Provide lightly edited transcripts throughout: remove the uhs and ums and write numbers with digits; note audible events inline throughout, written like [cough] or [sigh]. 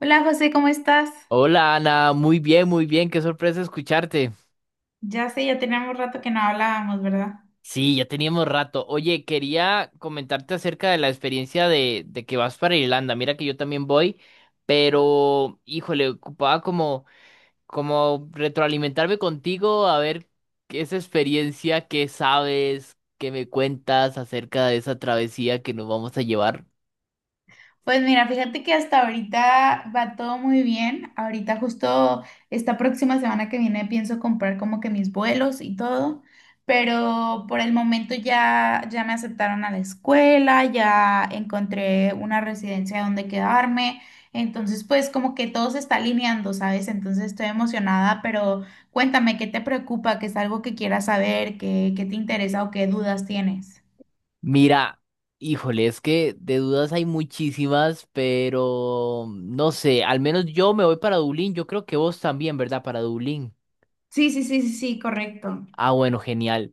Hola José, ¿cómo estás? Hola Ana, muy bien, qué sorpresa escucharte. Ya sé, ya teníamos rato que no hablábamos, ¿verdad? Sí, ya teníamos rato. Oye, quería comentarte acerca de la experiencia de que vas para Irlanda. Mira que yo también voy, pero híjole, como retroalimentarme contigo a ver qué esa experiencia, qué sabes, qué me cuentas acerca de esa travesía que nos vamos a llevar. Pues mira, fíjate que hasta ahorita va todo muy bien. Ahorita justo esta próxima semana que viene pienso comprar como que mis vuelos y todo, pero por el momento ya me aceptaron a la escuela, ya encontré una residencia donde quedarme. Entonces, pues como que todo se está alineando, ¿sabes? Entonces estoy emocionada, pero cuéntame, ¿qué te preocupa? ¿Qué es algo que quieras saber? ¿Qué te interesa o qué dudas tienes? Mira, híjole, es que de dudas hay muchísimas, pero no sé, al menos yo me voy para Dublín, yo creo que vos también, ¿verdad? Para Dublín. Sí, sí, sí, sí, sí, correcto. Ah, bueno, genial.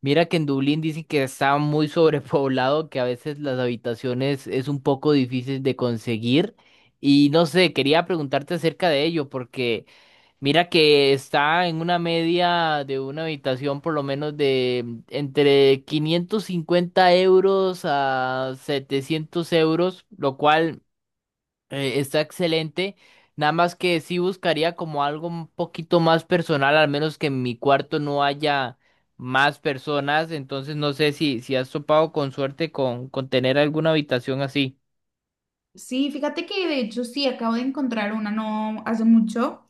Mira que en Dublín dicen que está muy [laughs] sobrepoblado, que a veces las habitaciones es un poco difícil de conseguir. Y no sé, quería preguntarte acerca de ello, porque… Mira que está en una media de una habitación por lo menos de entre 550 € a 700 euros, lo cual está excelente. Nada más que sí buscaría como algo un poquito más personal, al menos que en mi cuarto no haya más personas. Entonces no sé si has topado con suerte con tener alguna habitación así. Sí, fíjate que de hecho sí, acabo de encontrar una no hace mucho.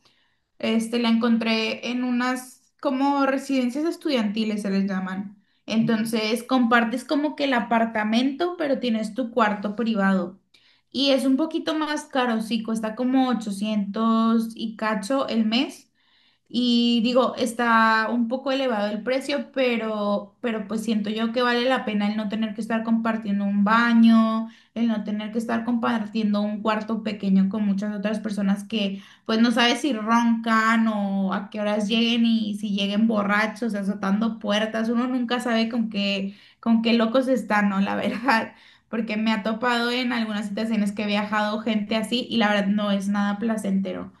Este, la encontré en unas como residencias estudiantiles se les llaman. Entonces compartes como que el apartamento, pero tienes tu cuarto privado. Y es un poquito más caro, sí, cuesta como 800 y cacho el mes, y digo, está un poco elevado el precio, pero pues siento yo que vale la pena el no tener que estar compartiendo un baño, el no tener que estar compartiendo un cuarto pequeño con muchas otras personas que pues no sabes si roncan o a qué horas lleguen y si lleguen borrachos, azotando puertas, uno nunca sabe con qué, con qué, locos están, ¿no? La verdad, [laughs] porque me ha topado en algunas situaciones que he viajado gente así y la verdad no es nada placentero.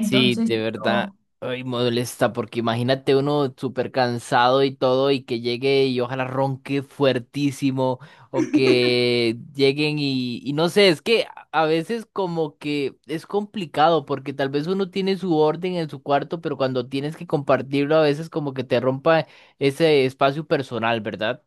Sí, de verdad, ay, molesta, porque imagínate uno súper cansado y todo, y que llegue y ojalá ronque fuertísimo, o que lleguen y no sé, es que a veces como que es complicado, porque tal vez uno tiene su orden en su cuarto, pero cuando tienes que compartirlo, a veces como que te rompa ese espacio personal, ¿verdad?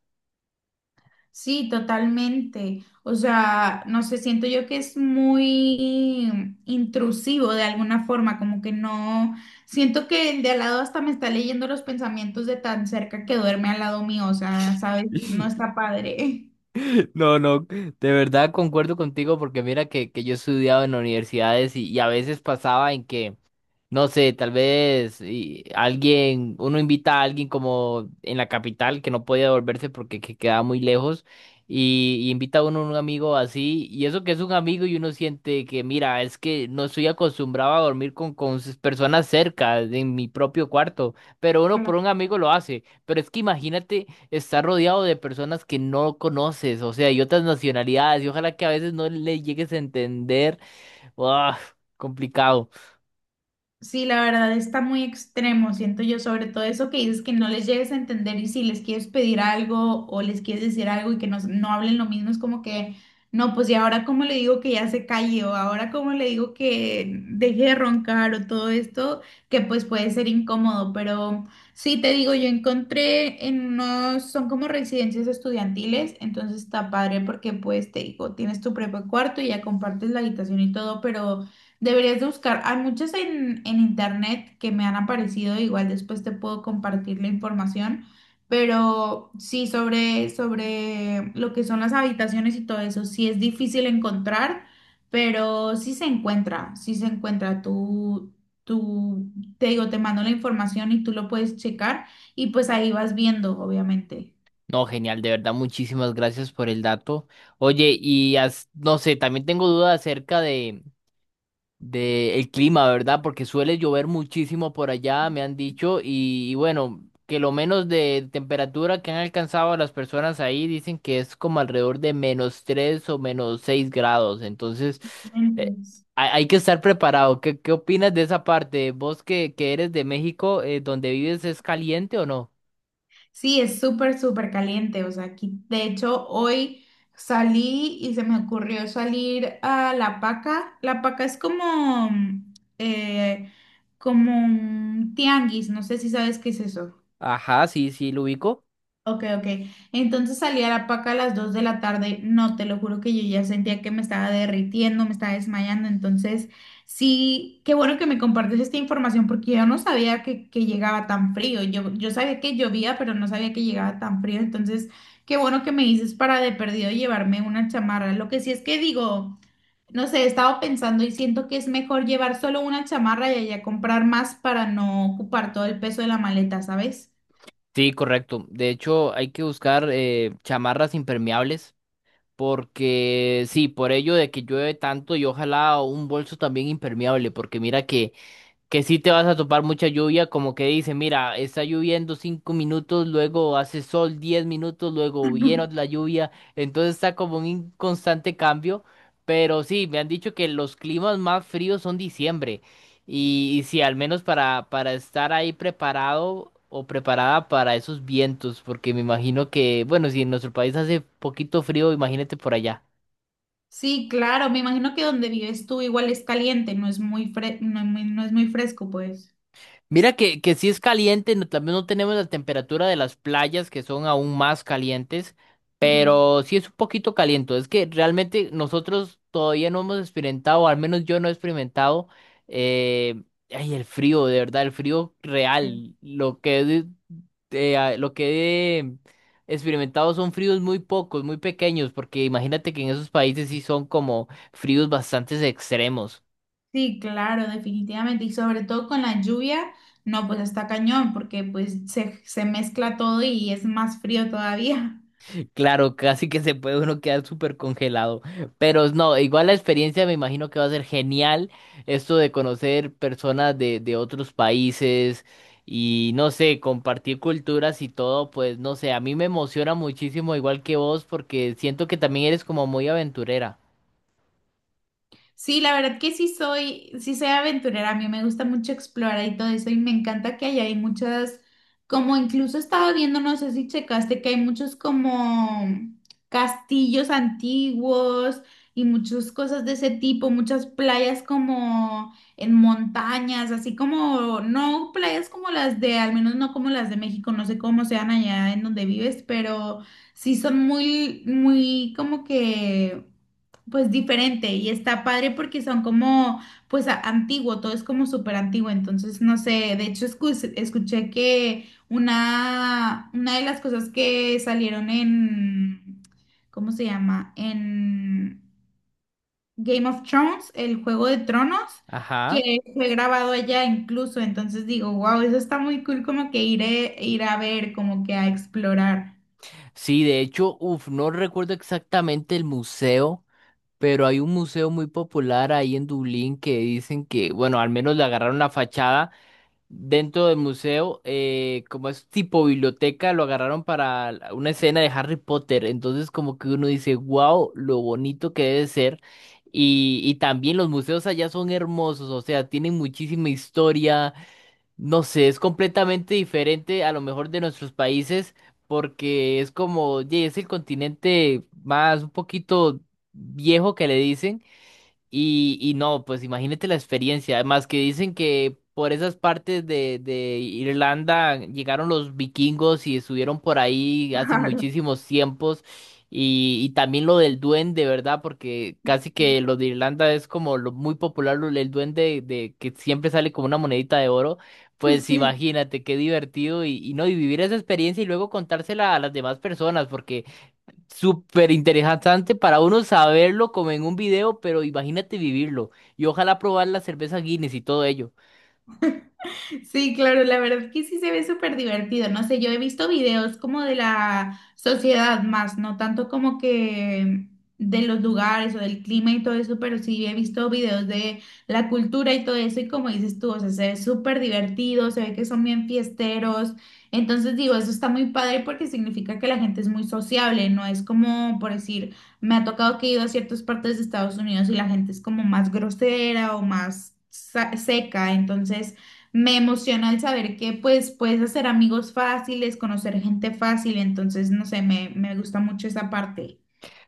Sí, totalmente. O sea, no sé, siento yo que es muy intrusivo de alguna forma, como que no, siento que el de al lado hasta me está leyendo los pensamientos de tan cerca que duerme al lado mío, o sea, ¿sabes? No [laughs] está padre. No, no, de verdad concuerdo contigo, porque mira que yo he estudiado en universidades y a veces pasaba en que no sé, tal vez y alguien, uno invita a alguien como en la capital que no puede devolverse porque que queda muy lejos y invita a uno a un amigo así y eso que es un amigo y uno siente que mira, es que no estoy acostumbrado a dormir con sus personas cerca en mi propio cuarto, pero uno por un amigo lo hace, pero es que imagínate estar rodeado de personas que no conoces, o sea, y otras nacionalidades y ojalá que a veces no le llegues a entender, ¡uah!, complicado. Sí, la verdad está muy extremo, siento yo, sobre todo eso que dices que no les llegues a entender y si les quieres pedir algo o les quieres decir algo y que no hablen lo mismo, es como que, no, pues y ahora cómo le digo que ya se calle o ahora cómo le digo que deje de roncar o todo esto, que pues puede ser incómodo, pero sí te digo, yo encontré en unos, son como residencias estudiantiles, entonces está padre porque pues te digo, tienes tu propio cuarto y ya compartes la habitación y todo, pero... Deberías de buscar, hay muchas en internet que me han aparecido, igual después te puedo compartir la información, pero sí sobre lo que son las habitaciones y todo eso, sí es difícil encontrar, pero sí se encuentra, sí se encuentra. Tú, te digo, te mando la información y tú lo puedes checar y pues ahí vas viendo, obviamente. No, genial, de verdad, muchísimas gracias por el dato. Oye, y no sé, también tengo dudas acerca de el clima, ¿verdad? Porque suele llover muchísimo por allá, me han dicho, y bueno, que lo menos de temperatura que han alcanzado las personas ahí dicen que es como alrededor de -3 o -6 grados. Entonces, eh, Excelente. hay, hay que estar preparado. ¿Qué, qué opinas de esa parte? ¿Vos que eres de México, donde vives, es caliente o no? Sí, es súper, súper caliente. O sea, aquí, de hecho, hoy salí y se me ocurrió salir a La Paca. La Paca es como, eh, como un tianguis. No sé si sabes qué es eso. Ajá, sí, sí, lo ubico. Ok, ok. Entonces salí a la paca a las 2 de la tarde. No, te lo juro que yo ya sentía que me estaba derritiendo, me estaba desmayando. Entonces, sí, qué bueno que me compartes esta información porque yo no sabía que llegaba tan frío. Yo sabía que llovía, pero no sabía que llegaba tan frío. Entonces, qué bueno que me dices para de perdido llevarme una chamarra. Lo que sí es que digo, no sé, he estado pensando y siento que es mejor llevar solo una chamarra y allá comprar más para no ocupar todo el peso de la maleta, ¿sabes? Sí, correcto. De hecho, hay que buscar chamarras impermeables porque sí, por ello de que llueve tanto y ojalá un bolso también impermeable, porque mira que sí te vas a topar mucha lluvia, como que dice, mira, está lloviendo 5 minutos, luego hace sol 10 minutos, luego [clears throat] viene [laughs] la lluvia, entonces está como en un constante cambio, pero sí, me han dicho que los climas más fríos son diciembre, y sí, al menos para estar ahí preparado o preparada para esos vientos, porque me imagino que, bueno, si en nuestro país hace poquito frío, imagínate por allá. Sí, claro, me imagino que donde vives tú igual es caliente, no es muy no es muy fresco, pues. Mira que sí es caliente, no, también no tenemos la temperatura de las playas que son aún más calientes, Ah, pero sí es un poquito caliente. Es que realmente nosotros todavía no hemos experimentado, al menos yo no he experimentado, eh, ay, el frío, de verdad, el frío ok. real. Lo que he experimentado son fríos muy pocos, muy pequeños, porque imagínate que en esos países sí son como fríos bastante extremos. Sí, claro, definitivamente. Y sobre todo con la lluvia, no, pues está cañón, porque pues se mezcla todo y es más frío todavía. Claro, casi que se puede uno quedar súper congelado. Pero no, igual la experiencia me imagino que va a ser genial. Esto de conocer personas de otros países y no sé, compartir culturas y todo, pues no sé, a mí me emociona muchísimo, igual que vos, porque siento que también eres como muy aventurera. Sí, la verdad que sí soy aventurera, a mí me gusta mucho explorar y todo eso y me encanta que allá hay muchas, como incluso estaba viendo, no sé si checaste, que hay muchos como castillos antiguos y muchas cosas de ese tipo, muchas playas como en montañas, así como, no playas como las de, al menos no como las de México, no sé cómo sean allá en donde vives, pero sí son muy, muy como que... Pues diferente y está padre porque son como, pues antiguo, todo es como súper antiguo, entonces no sé, de hecho escuché que una de las cosas que salieron en, ¿cómo se llama? En Game of Thrones, el Juego de Tronos, Ajá. que fue grabado allá incluso, entonces digo, wow, eso está muy cool como que ir, ir a ver, como que a explorar. Sí, de hecho, uff, no recuerdo exactamente el museo, pero hay un museo muy popular ahí en Dublín que dicen que, bueno, al menos le agarraron la fachada dentro del museo, como es tipo biblioteca, lo agarraron para una escena de Harry Potter. Entonces, como que uno dice, wow, lo bonito que debe ser. Y también los museos allá son hermosos, o sea, tienen muchísima historia. No sé, es completamente diferente a lo mejor de nuestros países, porque es como, "Ye, es el continente más un poquito viejo que le dicen". Y no, pues imagínate la experiencia. Además que dicen que por esas partes de Irlanda llegaron los vikingos y estuvieron por ahí hace Claro. muchísimos tiempos. Y también lo del duende, ¿verdad? Porque casi que lo de Irlanda es como lo muy popular, el duende de, que siempre sale como una monedita de oro. [laughs] Pues Sí. imagínate qué divertido y no, y vivir esa experiencia y luego contársela a las demás personas, porque súper interesante para uno saberlo como en un video, pero imagínate vivirlo. Y ojalá probar la cerveza Guinness y todo ello. Sí, claro, la verdad es que sí se ve súper divertido. No sé, yo he visto videos como de la sociedad más, no tanto como que de los lugares o del clima y todo eso, pero sí he visto videos de la cultura y todo eso. Y como dices tú, o sea, se ve súper divertido, se ve que son bien fiesteros. Entonces digo, eso está muy padre porque significa que la gente es muy sociable, no es como, por decir, me ha tocado que he ido a ciertas partes de Estados Unidos y la gente es como más grosera o más seca. Entonces... Me emociona el saber que pues puedes hacer amigos fáciles, conocer gente fácil, entonces no sé, me gusta mucho esa parte.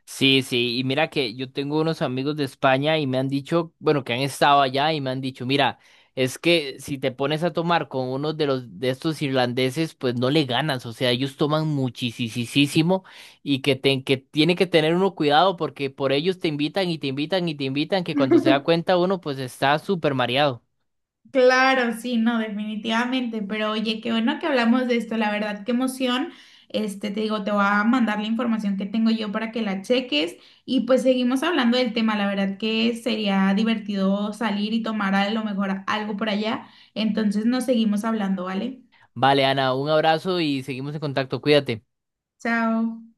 Sí, sí, y mira que yo tengo unos amigos de España y me han dicho, bueno, que han estado allá y me han dicho, mira, es que si te pones a tomar con uno de los de estos irlandeses, pues no le ganas. O sea, ellos toman muchísimo y que, te, que tiene que tener uno cuidado porque por ellos te invitan y te invitan y te invitan, que cuando se da cuenta uno, pues está súper mareado. Claro, sí, no, definitivamente, pero oye, qué bueno que hablamos de esto, la verdad, qué emoción. Este, te digo, te voy a mandar la información que tengo yo para que la cheques y pues seguimos hablando del tema, la verdad que sería divertido salir y tomar a lo mejor algo por allá, entonces nos seguimos hablando, ¿vale? Vale, Ana, un abrazo y seguimos en contacto. Cuídate. Chao.